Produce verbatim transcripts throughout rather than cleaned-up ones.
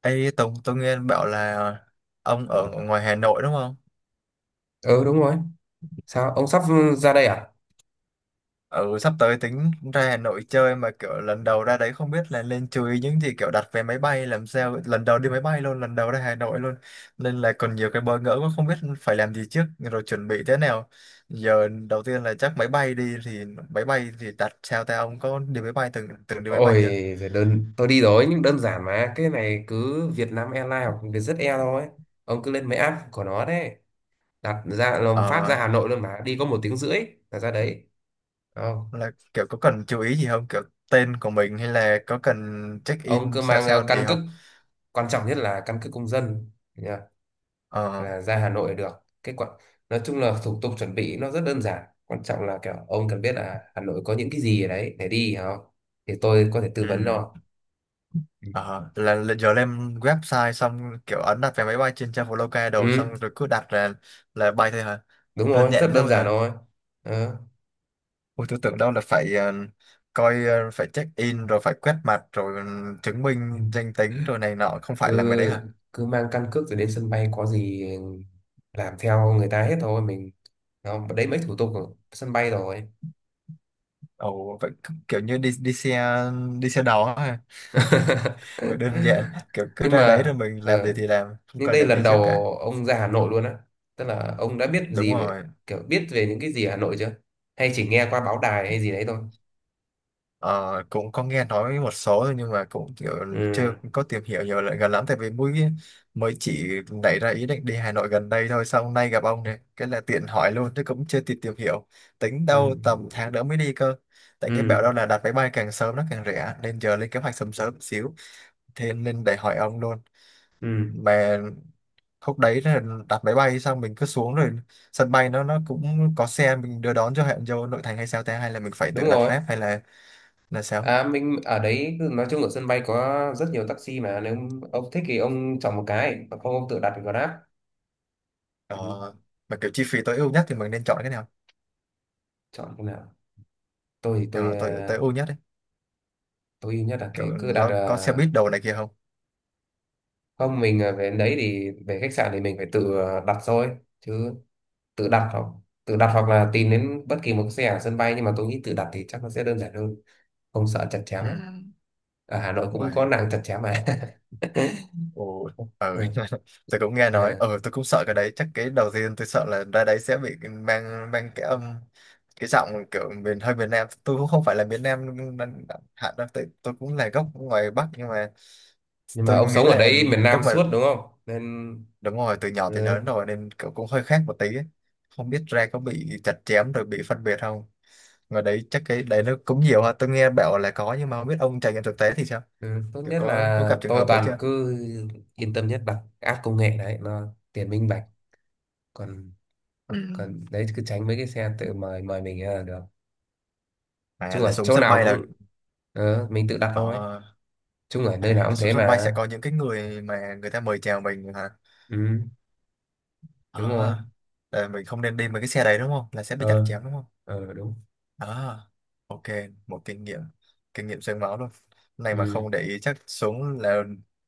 Ê Tùng, tôi nghe bảo là ông ở ngoài Hà Nội đúng không? Ừ, đúng rồi. Sao ông sắp ra đây à? Ừ, sắp tới tính ra Hà Nội chơi mà kiểu lần đầu ra đấy không biết là nên chú ý những gì kiểu đặt vé máy bay làm sao lần đầu đi máy bay luôn, lần đầu ra Hà Nội luôn nên là còn nhiều cái bỡ ngỡ quá không biết phải làm gì trước rồi chuẩn bị thế nào. Giờ đầu tiên là chắc máy bay đi thì máy bay thì đặt sao ta, ông có đi máy bay từng từng đi máy bay Ôi chưa? giời, đơn tôi đi rồi nhưng đơn giản mà, cái này cứ Việt Vietnam Airlines hoặc Vietjet Air thôi. Ông cứ lên mấy app của nó đấy, đặt ra làm phát ra Ờ, Hà Nội luôn, mà đi có một tiếng rưỡi là ra đấy. Không, là kiểu có cần chú ý gì không? Kiểu tên của mình hay là có cần check ông in cứ sao mang ờ, sao căn gì cước, không? quan trọng nhất là căn cước công dân nhá, Ờ, là ra Hà Nội được. Cái quan- nói chung là thủ tục chuẩn bị nó rất đơn giản, quan trọng là kiểu ông cần biết là Hà Nội có những cái gì ở đấy để đi, hiểu không? Thì tôi có thể tư ừ. vấn cho. Ừ. Ờ, là, là giờ lên website xong kiểu ấn đặt vé máy bay trên trang follow ca đầu Ừ. xong rồi cứ đặt là là bay thôi hả? Đúng Đơn rồi, rất giản thế đơn thôi giản hả? thôi. Đó. Ôi tôi tưởng đâu là phải ờ, coi, ờ, phải check in rồi phải quét mặt rồi ừ, chứng minh danh tính rồi này nọ, không phải là mấy đấy hả? Cứ cứ mang căn cước rồi đến sân bay, có gì làm theo người ta hết thôi mình. Đó, đấy mấy thủ tục ở sân bay rồi. Ồ vậy cứ kiểu như đi đi xe đi xe đò hả? Vậy đơn giản kiểu cứ Nhưng ra đấy mà rồi mình làm gì ờ, thì làm, không nhưng cần đây làm gì lần trước đầu cả. ông ra Hà Nội luôn á, tức là ông đã biết Đúng gì về- rồi. kiểu biết về những cái gì ở Hà Nội chưa, hay chỉ nghe qua báo đài hay gì đấy thôi? Ờ, cũng có nghe nói một số thôi nhưng mà cũng kiểu ừ chưa có tìm hiểu nhiều lại gần lắm, tại vì mới mới chỉ nảy ra ý định đi Hà Nội gần đây thôi, xong hôm nay gặp ông này cái là tiện hỏi luôn chứ cũng chưa kịp tìm hiểu, tính ừ đâu tầm tháng nữa mới đi cơ, tại ừ nghe bảo ừ đâu là đặt máy bay càng sớm nó càng rẻ nên giờ lên kế hoạch sớm sớm xíu, thế nên để hỏi ông luôn. ừ Mà lúc đấy là đặt máy bay xong mình cứ xuống rồi sân bay nó nó cũng có xe mình đưa đón cho, hẹn vô nội thành hay sao ta, hay là mình phải Đúng tự đặt rồi. Grab hay là là sao? À, mình ở đấy cứ- nói chung ở sân bay có rất nhiều taxi, mà nếu ông thích thì ông chọn một cái, còn không ông tự đặt thì Grab. Ờ, Ừ. mà kiểu chi phí tối ưu nhất thì mình nên chọn cái nào? Chọn cái nào? Tôi thì tôi Ờ, ờ, tối tối ưu nhất đấy, tôi nhất là kiểu thì cứ đặt nó có xe buýt ờ, đồ này kia không? không, mình ờ, về đến đấy thì về khách sạn thì mình phải tự ờ, đặt thôi chứ. Tự đặt hoặc- tự đặt hoặc là tìm đến bất kỳ một cái xe ở sân bay, nhưng mà tôi nghĩ tự đặt thì chắc nó sẽ đơn giản hơn, không sợ chặt chém Ừ. ấy. Ở Hà Nội cũng có Ngoài, nàng chặt chém mà. ồ, ừ. Ừ. Tôi cũng nghe nói, À. ừ, tôi cũng sợ cái đấy. Chắc cái đầu tiên tôi sợ là ra đấy sẽ bị mang mang cái âm, cái giọng kiểu miền hơi miền Nam, tôi cũng không phải là miền Nam nên- hạn đâu tôi, tôi, cũng là gốc ngoài Bắc nhưng mà Nhưng mà tôi ông nghĩ sống ở là đấy miền lúc Nam mà suốt đúng không nên- đúng rồi, từ nhỏ tới Ừ. lớn rồi nên kiểu cũng hơi khác một tí ấy. Không biết ra có bị chặt chém rồi bị phân biệt không, ngoài đấy chắc cái đấy nó cũng nhiều ha, tôi nghe bảo là có nhưng mà không biết ông trải nghiệm thực tế thì sao, Ừ, tốt kiểu nhất có có là gặp trường tôi hợp đấy toàn chưa? cứ yên tâm nhất là app công nghệ đấy, nó tiền minh bạch. Còn- Ừ. còn đấy cứ tránh mấy cái xe tự mời mời mình là được. À, Chung là ở xuống chỗ sân nào bay là, cũng ờ, mình tự đặt ờ, thôi. Chung ở nơi à, nào là cũng thế xuống sân bay mà. sẽ có những cái người mà người ta mời chào mình hả? Ừ, À, đúng rồi. là mình không nên đi với cái xe đấy đúng không, là sẽ bị chặt Ờ, chém đúng không? ờ đúng. À, ok, một kinh nghiệm kinh nghiệm xương máu luôn này, mà Ừ. không để ý chắc xuống là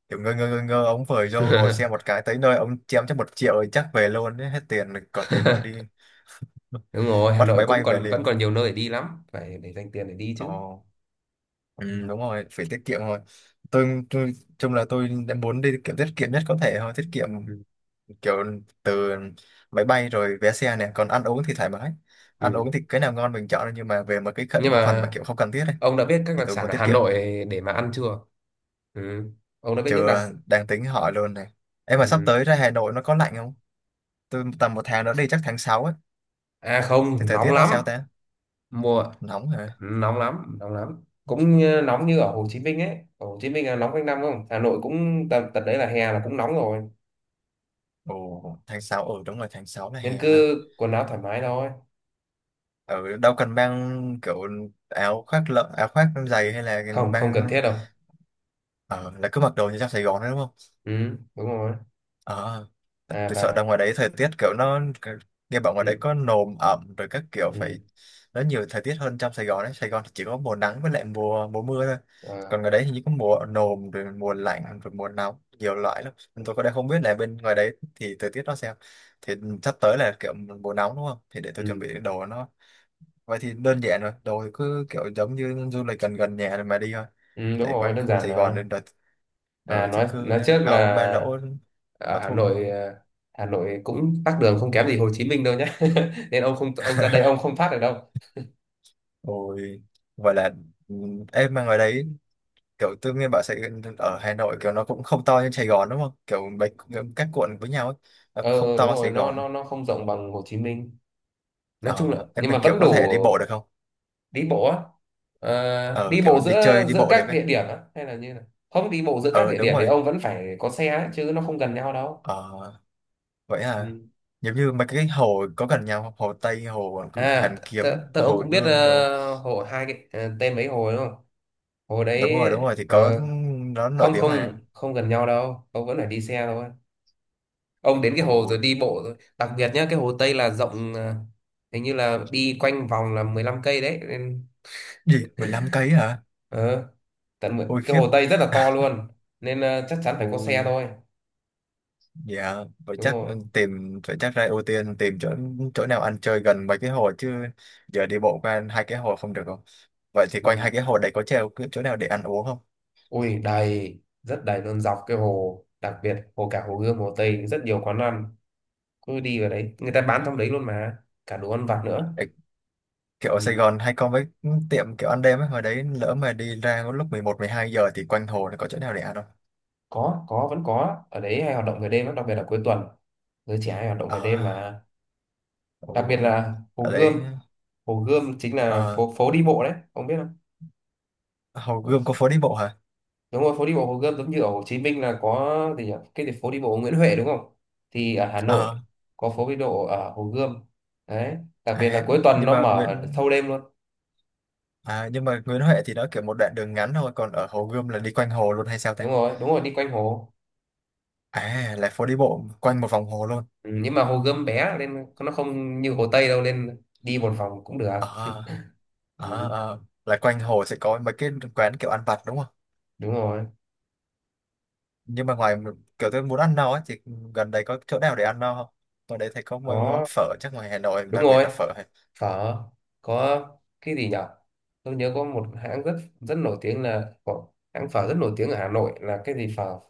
kiểu ngơ ngơ ngơ ngơ, ông vời vô ngồi xe một cái tới nơi ông chém cho một triệu thì chắc về luôn ấy, hết tiền còn tiền đó đi. Đúng rồi, Hà Bắt Nội máy cũng bay về còn vẫn còn liền. nhiều nơi để đi lắm, phải để dành tiền để đi chứ. Ồ, Ừ. ừ, đúng rồi, phải tiết kiệm thôi. Tôi, tôi chung là tôi đã muốn đi tiết kiệm, tiết kiệm nhất có thể thôi, tiết kiệm Ừ. kiểu từ máy bay rồi vé xe này, còn ăn uống thì thoải mái. Ăn Ừ. uống thì cái nào ngon mình chọn nhưng mà về một cái Nhưng khẩn- phần mà mà kiểu không cần thiết này ông đã biết các thì đặc tôi sản muốn ở tiết Hà kiệm. Nội để mà ăn chưa? Ừ. Ông đã biết những đặc- Chưa, đang tính hỏi luôn này. Em mà sắp Ừ. tới ra Hà Nội nó có lạnh không? Tôi tầm một tháng nữa đi, chắc tháng sáu ấy, À thì không, thời nóng tiết nó lắm. sao ta? Mùa Nóng hả? nóng lắm, nóng lắm. Cũng như, nóng như ở Hồ Chí Minh ấy. Ở Hồ Chí Minh là nóng quanh năm không? Hà Nội cũng tầm tận đấy, là hè là cũng nóng rồi. Ồ, tháng sáu, ừ đúng rồi, tháng sáu là Nên hè ha. cứ quần áo thoải mái thôi. Ừ, đâu cần mang kiểu áo khoác lợ, áo khoác dày hay là Không, không cần mang, thiết đâu. ờ, là cứ mặc đồ như trong Sài Gòn đấy đúng không? Ừ, đúng rồi. Ờ, À tôi sợ ra và- ngoài đấy thời tiết kiểu nó, nghe bảo ngoài ừ, đấy có nồm ẩm rồi các kiểu, phải ừ, nó nhiều thời tiết hơn trong Sài Gòn đấy. Sài Gòn thì chỉ có mùa nắng với lại mùa mùa mưa thôi, à, còn ngoài đấy thì chỉ có mùa nồm rồi mùa lạnh rồi mùa nóng, nhiều loại lắm. Nên tôi có đang không biết là bên ngoài đấy thì thời tiết nó sao, thì sắp tới là kiểu mùa nóng đúng không, thì để tôi chuẩn ừ, bị đồ nó. Vậy thì đơn giản rồi, đồ thì cứ kiểu giống như du lịch gần gần nhà rồi mà đi thôi, ừ, đúng tại rồi, quanh đơn khu giản Sài Gòn mà. nên đợt À, ở thì nói cứ nói trước là áo ba lỗ, ở áo Hà thun thôi. Nội à, Hà Nội cũng tắc đường không kém gì Hồ Chí Minh đâu nhé. Nên ông không- ông ra đây ông không thoát được đâu. Ôi, vậy là, ừ, em mà ngoài đấy kiểu tôi nghe bảo Sài ở Hà Nội kiểu nó cũng không to như Sài Gòn đúng không? Kiểu mấy các quận với nhau ấy, nó không Ờ đúng to rồi, Sài nó Gòn. nó nó không rộng bằng Hồ Chí Minh. Nói chung là Ờ, em nhưng mà mình kiểu vẫn có đủ. thể đi bộ được không? Đi bộ á? Ờ, Ờ, đi bộ kiểu đi chơi giữa đi giữa bộ được các ấy. địa điểm á hay là như là- Không, đi bộ giữa các Ờ, địa đúng điểm thì rồi. ông vẫn phải có xe ấy, chứ nó không gần nhau đâu. Ờ, vậy à, Ừ. giống như mấy cái hồ có gần nhau không? Hồ Tây, hồ À Hoàn Kiếm, tớ, tớ- ông hồ cũng biết Gươm đâu, ờ, hồ hai cái ờ, tên mấy hồ đúng không, hồ đúng đấy. rồi đúng rồi, thì Ờ, có, nó nổi không tiếng không mà. không gần nhau đâu, ông vẫn phải đi xe thôi. Ông đến cái hồ Ôi, rồi đi bộ rồi, đặc biệt nhá cái hồ Tây là rộng, ờ, hình như là đi quanh vòng là mười lăm cây đấy. gì, mười lăm cây hả? Ờ, tận mười- Ôi cái khiếp. Hồ Tây rất là to luôn, nên ờ, chắc chắn phải có Ôi xe thôi. dạ, vậy Đúng chắc, rồi. ừ, tìm vậy chắc ra ưu tiên tìm chỗ chỗ nào ăn chơi gần mấy cái hồ chứ. Giờ đi bộ qua hai cái hồ không được không? Vậy thì quanh Ừ. hai cái hồ đấy có treo cái chỗ nào để ăn uống không? Ui đầy, rất đầy luôn dọc cái hồ, đặc biệt hồ cả Hồ Gươm Hồ Tây rất nhiều quán ăn. Cứ đi vào đấy người ta bán trong đấy luôn mà, cả đồ ăn vặt nữa. Để kiểu ở Sài Ừ. Gòn hay có mấy tiệm kiểu ăn đêm ấy, hồi đấy lỡ mà đi ra lúc mười một mười hai giờ thì quanh hồ nó có chỗ nào để ăn không? có có vẫn có ở đấy hay hoạt động về đêm lắm, đặc biệt là cuối tuần, giới trẻ hay hoạt động về đêm À, mà. Đặc biệt ồ, là Hồ ở đấy, Gươm. Hồ Gươm chính là ờ, phố phố đi bộ đấy, ông biết không? Hồ Gươm có phố đi bộ hả? Đúng rồi, phố đi bộ Hồ Gươm, giống như ở Hồ Chí Minh là có gì nhỉ, cái gì phố đi bộ Nguyễn Huệ đúng không. Thì ở Hà Nội Ờ, có phố đi bộ ở Hồ Gươm đấy, đặc biệt à, là cuối tuần nhưng nó mà mở Nguyễn thâu đêm luôn. à, nhưng mà Nguyễn Huệ thì nó kiểu một đoạn đường ngắn thôi, còn ở Hồ Gươm là đi quanh hồ luôn hay sao ta? Đúng rồi, đúng rồi, đi quanh hồ. À, là phố đi bộ quanh một vòng hồ luôn. Ừ, nhưng mà Hồ Gươm bé nên nó không như Hồ Tây đâu, nên đi một vòng cũng được. Ờ, ờ, Ừ, ờ, là quanh hồ sẽ có mấy cái quán kiểu ăn vặt đúng không? đúng rồi. Nhưng mà ngoài kiểu tôi muốn ăn no ấy, thì gần đây có chỗ nào để ăn no không? Ở đấy thấy có mấy món Có. phở chắc ngoài Hà Nội Đúng đặc biệt rồi. là phở hay, Phở. Có. Cái gì nhỉ, tôi nhớ có một hãng rất rất nổi tiếng là có hãng phở rất nổi tiếng ở Hà Nội là cái gì phở-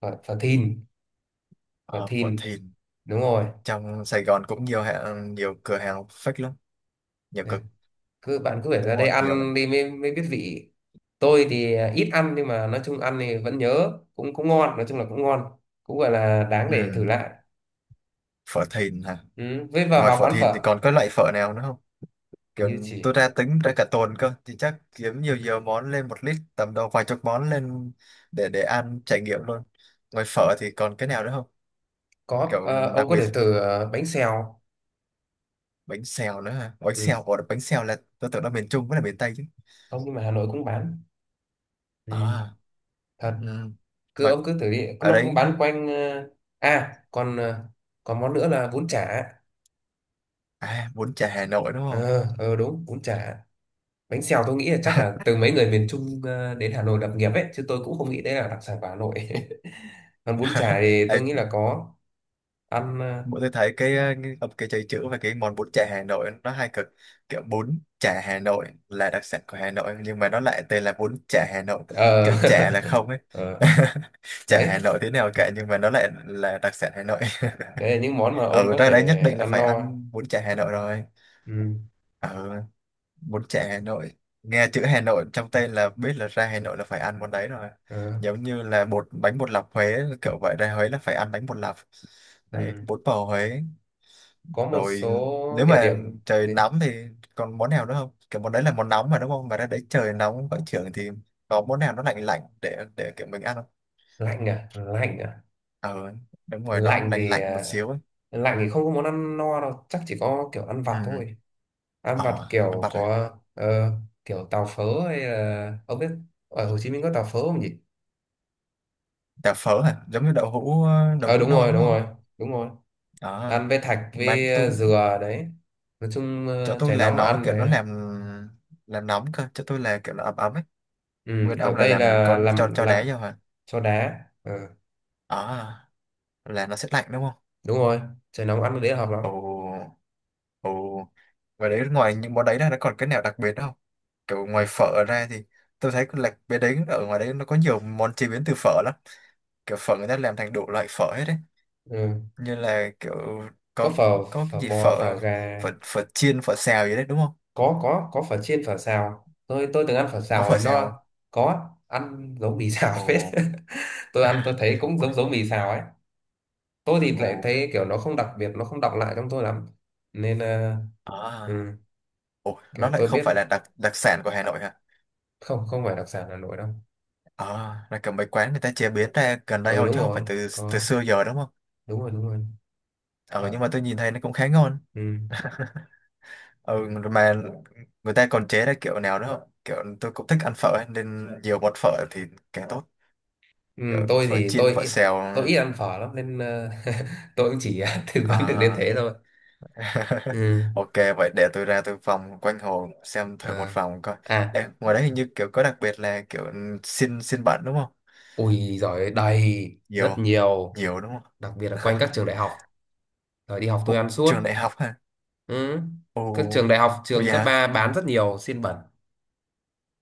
phở, phở Thìn Phở ờ, phở Thìn, Thìn đúng rồi. trong Sài Gòn cũng nhiều hàng, nhiều cửa hàng fake lắm, nhiều cửa Nè, cứ bạn cứ phải ra đúng đây rồi nhiều ăn lắm. đi mới- mới biết vị. Tôi thì à, ít ăn, nhưng mà nói chung ăn thì vẫn nhớ, cũng cũng ngon, nói chung là cũng ngon, cũng gọi là đáng Ừ, để thử lại. phở Thìn hả? Ừ. Với vào Ngoài vào phở quán Thìn thì phở còn có loại phở nào nữa không, hình kiểu như chỉ tôi ra tính ra cả tuần cơ thì chắc kiếm nhiều nhiều món lên một lít tầm đâu vài chục món lên, để để ăn trải nghiệm luôn. Ngoài phở thì còn cái nào nữa không, có kiểu ờ, ông đặc có biệt? thể thử ờ, bánh xèo. Bánh xèo nữa hả? Bánh Ừ. xèo, ủa bánh xèo là tôi tưởng là miền Trung với là miền Tây chứ. Không, nhưng mà Hà Nội cũng bán. Ừ. À, Thật, ừ, cứ mà ông cứ thử đi, ở nó cũng đấy. bán quanh ờ, à còn ờ, còn món nữa là bún chả. À, bún chả Hà Nội đúng không? Ờ ờ, đúng, bún chả. Bánh xèo tôi nghĩ là chắc là từ mấy người miền Trung ờ, đến Hà Nội lập nghiệp ấy, chứ tôi cũng không nghĩ đấy là đặc sản của Hà Nội. Còn bún chả thì tôi Ấy, nghĩ là có ăn. bọn tôi thấy cái, ờ, cái cái chảy chữ và cái món bún chả Hà Nội nó hay cực, kiểu bún chả Hà Nội là đặc sản của Hà Nội nhưng mà nó lại tên là bún chả Hà Nội, Ờ. kiểu chả là không ấy. Ờ, Chả Hà đấy, Nội thế nào cả nhưng mà nó lại là đặc sản Hà Nội. đấy là những món mà ông Ở có ra đấy thể nhất định là ăn phải no. ăn bún chả Hà Nội rồi. Ừ. Ở, bún chả Hà Nội, nghe chữ Hà Nội trong tên là biết là ra Hà Nội là phải ăn món đấy rồi, Ờ, giống như là bột bánh bột lọc Huế kiểu vậy, ra Huế là phải ăn bánh bột lọc, đấy, ừ. bún bò Huế Có một rồi. số Nếu địa mà điểm trời gì? nóng thì còn món nào nữa không, kiểu món đấy là món nóng mà đúng không, mà ra đấy trời nóng vẫn trưởng thì có món nào nó lạnh lạnh để để kiểu mình ăn không? Lạnh à? Lạnh à? Ờ đúng rồi, nó Lạnh lạnh thì lạnh một ờ, xíu ấy. lạnh thì không có món ăn no đâu, chắc chỉ có kiểu ăn Ừ, vặt thôi. Ăn vặt ờ, ăn kiểu vặt hả? có ờ, kiểu tàu phớ hay là ông biết, ở Hồ Chí Minh có tàu phớ không nhỉ? Chả phở hả, giống như đậu hũ đậu Ờ hũ đúng non rồi, đúng đúng rồi, không? đúng rồi. Ờ, Ăn với thạch mà với tôi, ờ, dừa đấy. Nói chung chỗ ờ, tôi trời là nóng mà nó ăn kiểu nó thế. làm làm nóng cơ, chỗ tôi là kiểu nó ấm ấm ấy. Ừ. Nguyên ông Còn là đây làm có là cho làm cho làm đá vô hả? cho đá, ừ, Ờ, là nó sẽ lạnh đúng không? đúng rồi. Trời nóng ăn cái đấy là hợp lắm. Ồ, ồ. Và đấy, ngoài những món đấy ra nó còn cái nào đặc biệt không? Kiểu ngoài phở ra thì tôi thấy là bên đấy ở ngoài đấy nó có nhiều món chế biến từ phở lắm. Kiểu phở người ta làm thành đủ loại phở hết đấy. Ừ. Như là kiểu Có có phở, có cái phở gì bò, phở, phở gà. phở phở chiên, phở xào gì đấy đúng không? có có có phở chiên, phở xào. Tôi tôi từng ăn phở Có xào phở rồi, xào không? nó có ăn giống mì xào phết. Ồ. Tôi ăn tôi thấy cũng Ôi, giống giống mì xào ấy. Tôi thì lại ồ. thấy kiểu nó không đặc biệt, nó không đọng lại trong tôi lắm, nên ờ, ừ, À. Ồ, nó kiểu lại tôi không biết phải là đặc đặc sản của Hà Nội hả? không không phải đặc sản Hà Nội đâu. À, là kiểu mấy quán người ta chế biến ra gần đây Ừ thôi đúng chứ không phải rồi. từ từ Có. xưa giờ đúng không? Đúng rồi, đúng rồi. Ờ Ờ, nhưng mà tôi nhìn thấy nó cũng khá ngon. ừ. Ừ, mà người ta còn chế ra kiểu nào nữa không, kiểu tôi cũng thích ăn phở ấy, nên nhiều bột phở thì càng tốt, Ừ, kiểu tôi phở thì chiên tôi phở ít- xèo tôi ít ăn phở lắm nên ờ, tôi cũng chỉ tư vấn được đến à. thế thôi. Ừ. Ok, vậy để tôi ra tôi vòng quanh hồ xem thử một À. vòng coi. À. Ê, ngoài đấy hình như kiểu có đặc biệt là kiểu xin xin bạn đúng không, Ui giỏi, đầy rất nhiều, nhiều. nhiều đúng Đặc biệt là không. quanh các trường đại học, rồi đi học tôi Ồ, ăn suốt. trường đại học hả, Ừ. ồ, Các trường đại học, ồ, trường cấp dạ, ba bán rất nhiều xiên bẩn.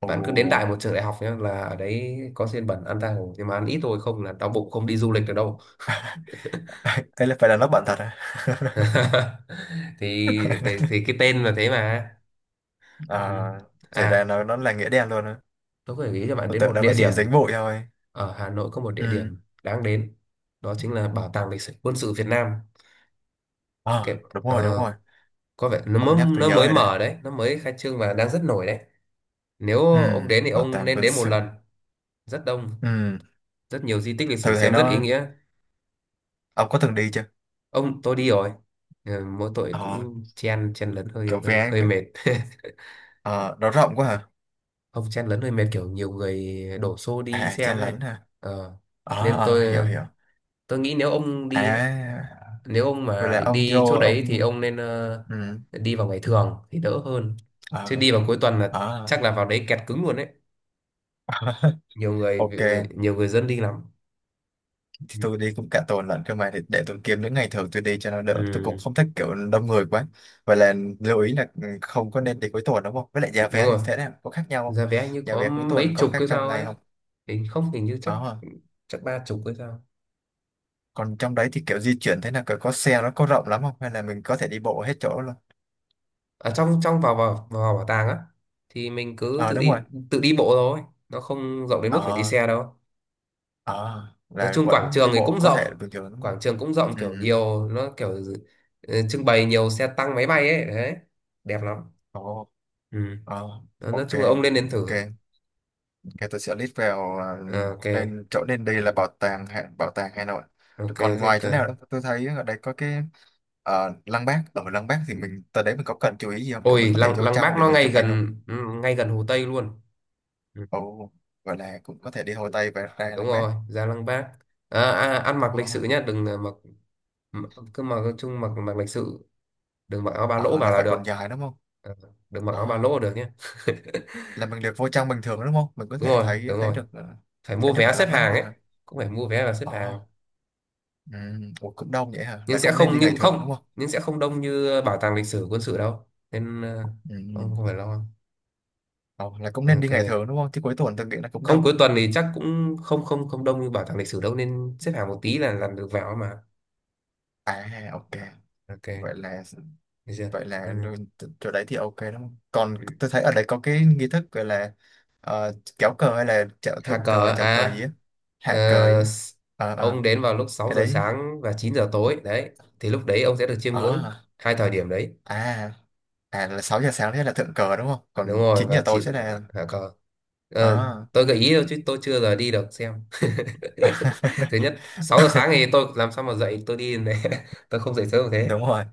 ồ. Bạn cứ đến đại một trường đại học nhé, là ở đấy có xiên bẩn ăn tha hồ, nhưng mà ăn ít thôi không là đau bụng không đi du lịch được đâu. Thế là phải là nó bạn thật à? Thì, thì thì cái tên là thế mà. À, Ừ. thì ra À, nó nó là nghĩa đen luôn. tôi có thể gợi cho bạn Tôi đến một tưởng đâu địa nó chỉ điểm. dính bụi thôi. Ở Hà Nội có một địa Ừ. điểm đáng đến, đó chính là Bảo tàng lịch sử quân sự Việt Nam. Cái, Ờ, đúng rồi, đúng ờ, rồi. có vẻ nó mới, Ông nhắc tôi nó nhớ mới rồi đấy. mở đấy, nó mới khai trương và đang rất nổi đấy. Nếu Ừ, ông đến thì bảo ông tàng nên quân đến một sự. lần. Rất đông, Ừ, rất nhiều di tích lịch sử, thử thấy xem rất ý nó... nghĩa. Ông có từng đi chưa? Ông- tôi đi rồi. Ừ, mỗi tội Ờ, cũng chen chen lấn hơi kiểu hơi vé... hơi mệt. Ờ, nó rộng quá hả? Không, chen lấn hơi mệt, kiểu nhiều người đổ xô đi À, xem chen ấy. lấn hả? Ờ. Ờ, Nên ờ, hiểu, tôi- hiểu. tôi nghĩ nếu ông À, đi ấy, nếu ông vậy mà là định ông đi vô, chỗ đấy thì ông... ông nên ờ, Ừ, đi vào ngày thường thì đỡ hơn, chứ ờ, đi vào cuối tuần là ờ. chắc là vào đấy kẹt cứng luôn đấy, nhiều người, Ok. nhiều người dân đi lắm. Thì Ừ. tôi đi cũng cả tuần lận cơ mà, để, để tôi kiếm những ngày thường tôi đi cho nó đỡ, tôi Ừ, cũng không thích kiểu đông người quá, và là lưu ý là ừ, không có nên đi cuối tuần đúng không, với lại giá đúng vé thì rồi. thế nào, có khác nhau không, Giá vé hình như giá có vé cuối tuần mấy có chục khác cái trong sao ngày ấy. không, Thì không, hình như chắc- đó. chắc ba chục cái sao. Còn trong đấy thì kiểu di chuyển thế nào, kiểu có xe, nó có rộng lắm không hay là mình có thể đi bộ hết chỗ luôn? Ở trong- trong vào vào vào bảo tàng á, thì mình cứ Ờ tự đúng rồi, đi, tự đi bộ thôi, nó không rộng đến mức phải đi ờ, xe đâu. ờ, Nói là chung quảng vẫn trường đi thì bộ cũng có rộng, thể là bình thường đúng không? quảng trường cũng rộng, Ừ, kiểu nhiều nó kiểu ừ, trưng bày nhiều xe tăng máy bay ấy đấy, đẹp lắm. ồ, Ừ. ờ, Đó, nói ok, chung là ông lên đến thử. ok. Ok, tôi sẽ list vào, à, À, ok. lên chỗ nên đi là bảo tàng Hà- bảo tàng Hà Nội. Ok Còn thế ngoài chỗ cơ. nào đó tôi thấy ở đây có cái ờ, Lăng Bác. Ở Lăng Bác thì mình tới đấy mình có cần chú ý gì không? Kiểu mình Ôi có thể lăng- vô lăng trong Bác để nó mình ngay chụp hình không? gần ừ, ngay gần Hồ Tây luôn. Ừ. Ồ, gọi là cũng có thể đi Hồ Tây và ra Đúng Lăng Bác. rồi, ra lăng Bác. À, à, ăn mặc Ồ, lịch sự nhá, đừng ờ, mặc- m- cứ mặc, nói chung mặc- mặc lịch sự, đừng mặc áo ba lỗ ờ, vào là là phải được. quần dài đúng không? Ờ, được mặc áo ba Ờ, lỗ được nhé. là mình được vô trong bình thường đúng không? Mình có Đúng thể rồi, thấy đúng thấy rồi, được ờ, phải mua thấy được vé cả xếp Lăng Bác hàng luôn ấy. hả? Cũng phải mua vé và xếp Ồ, hàng. ừ, ủa, cũng đông vậy hả? Nhưng Là sẽ cũng nên không- đi ngày nhưng thường đúng không- không? nhưng sẽ không đông như ờ, bảo tàng lịch sử quân sự đâu, nên ờ, Ừ, ừ. ông không phải lo. Ờ, là cũng nên đi Ok. ngày thường đúng không? Chứ cuối tuần tôi nghĩ là cũng Không, đông. cuối tuần thì chắc cũng không- không không đông như bảo tàng lịch sử đâu, nên xếp hàng một tí là làm được vào mà. À ok, Ok, vậy là được chưa? vậy Ừ. là rồi- t- chỗ đấy thì ok đúng không? Còn tôi thấy ở đây có cái nghi thức gọi là ờ, kéo cờ hay là chào Hạ thượng cờ cờ, chào cờ à? gì á, Ờ, hạ cờ gì á. s- Ờ ờ ông đến vào lúc sáu cái giờ đấy. sáng và chín giờ tối đấy, thì lúc đấy ông sẽ được chiêm ngưỡng Ờ, hai thời điểm đấy. à, à, là sáu giờ sáng thế là thượng cờ đúng không? Đúng Còn rồi, chín giờ và tối sẽ chỉnh- là hả cờ. Ờ, ờ. tôi gợi ý thôi chứ tôi chưa giờ đi được xem. Thứ nhất sáu giờ sáng thì tôi làm sao mà dậy tôi đi này, tôi không dậy sớm được thế. Đúng rồi.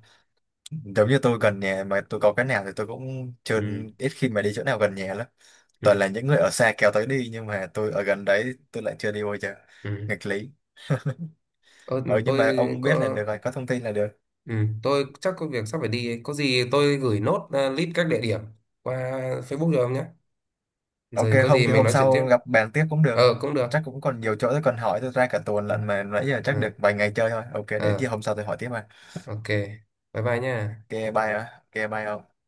Giống như tôi gần nhà mà tôi có cái nào thì tôi cũng chưa Ừ. ít khi mà đi chỗ nào gần nhà lắm. Ừ. Toàn là những người ở xa kéo tới đi nhưng mà tôi ở gần đấy tôi lại chưa đi bao giờ. Ừ. Nghịch lý. Ơ, Ừ mà nhưng mà tôi ông biết là có- được rồi, có thông tin là được. ừ, tôi chắc có việc sắp phải đi ấy, có gì tôi gửi nốt ờ, list các địa điểm qua Facebook được không nhé, Ok, rồi có không gì thì mình hôm nói chuyện tiếp. sau gặp bàn tiếp cũng Ờ được, cũng được. chắc cũng còn nhiều chỗ tôi còn hỏi, tôi ra cả tuần Ừ. lận mà nãy giờ chắc Ờ. được vài ngày chơi thôi, ok để chi Ờ, hôm sau tôi hỏi tiếp mà. ok, bye bye nha. Ok, bye ạ. Ok bye ông.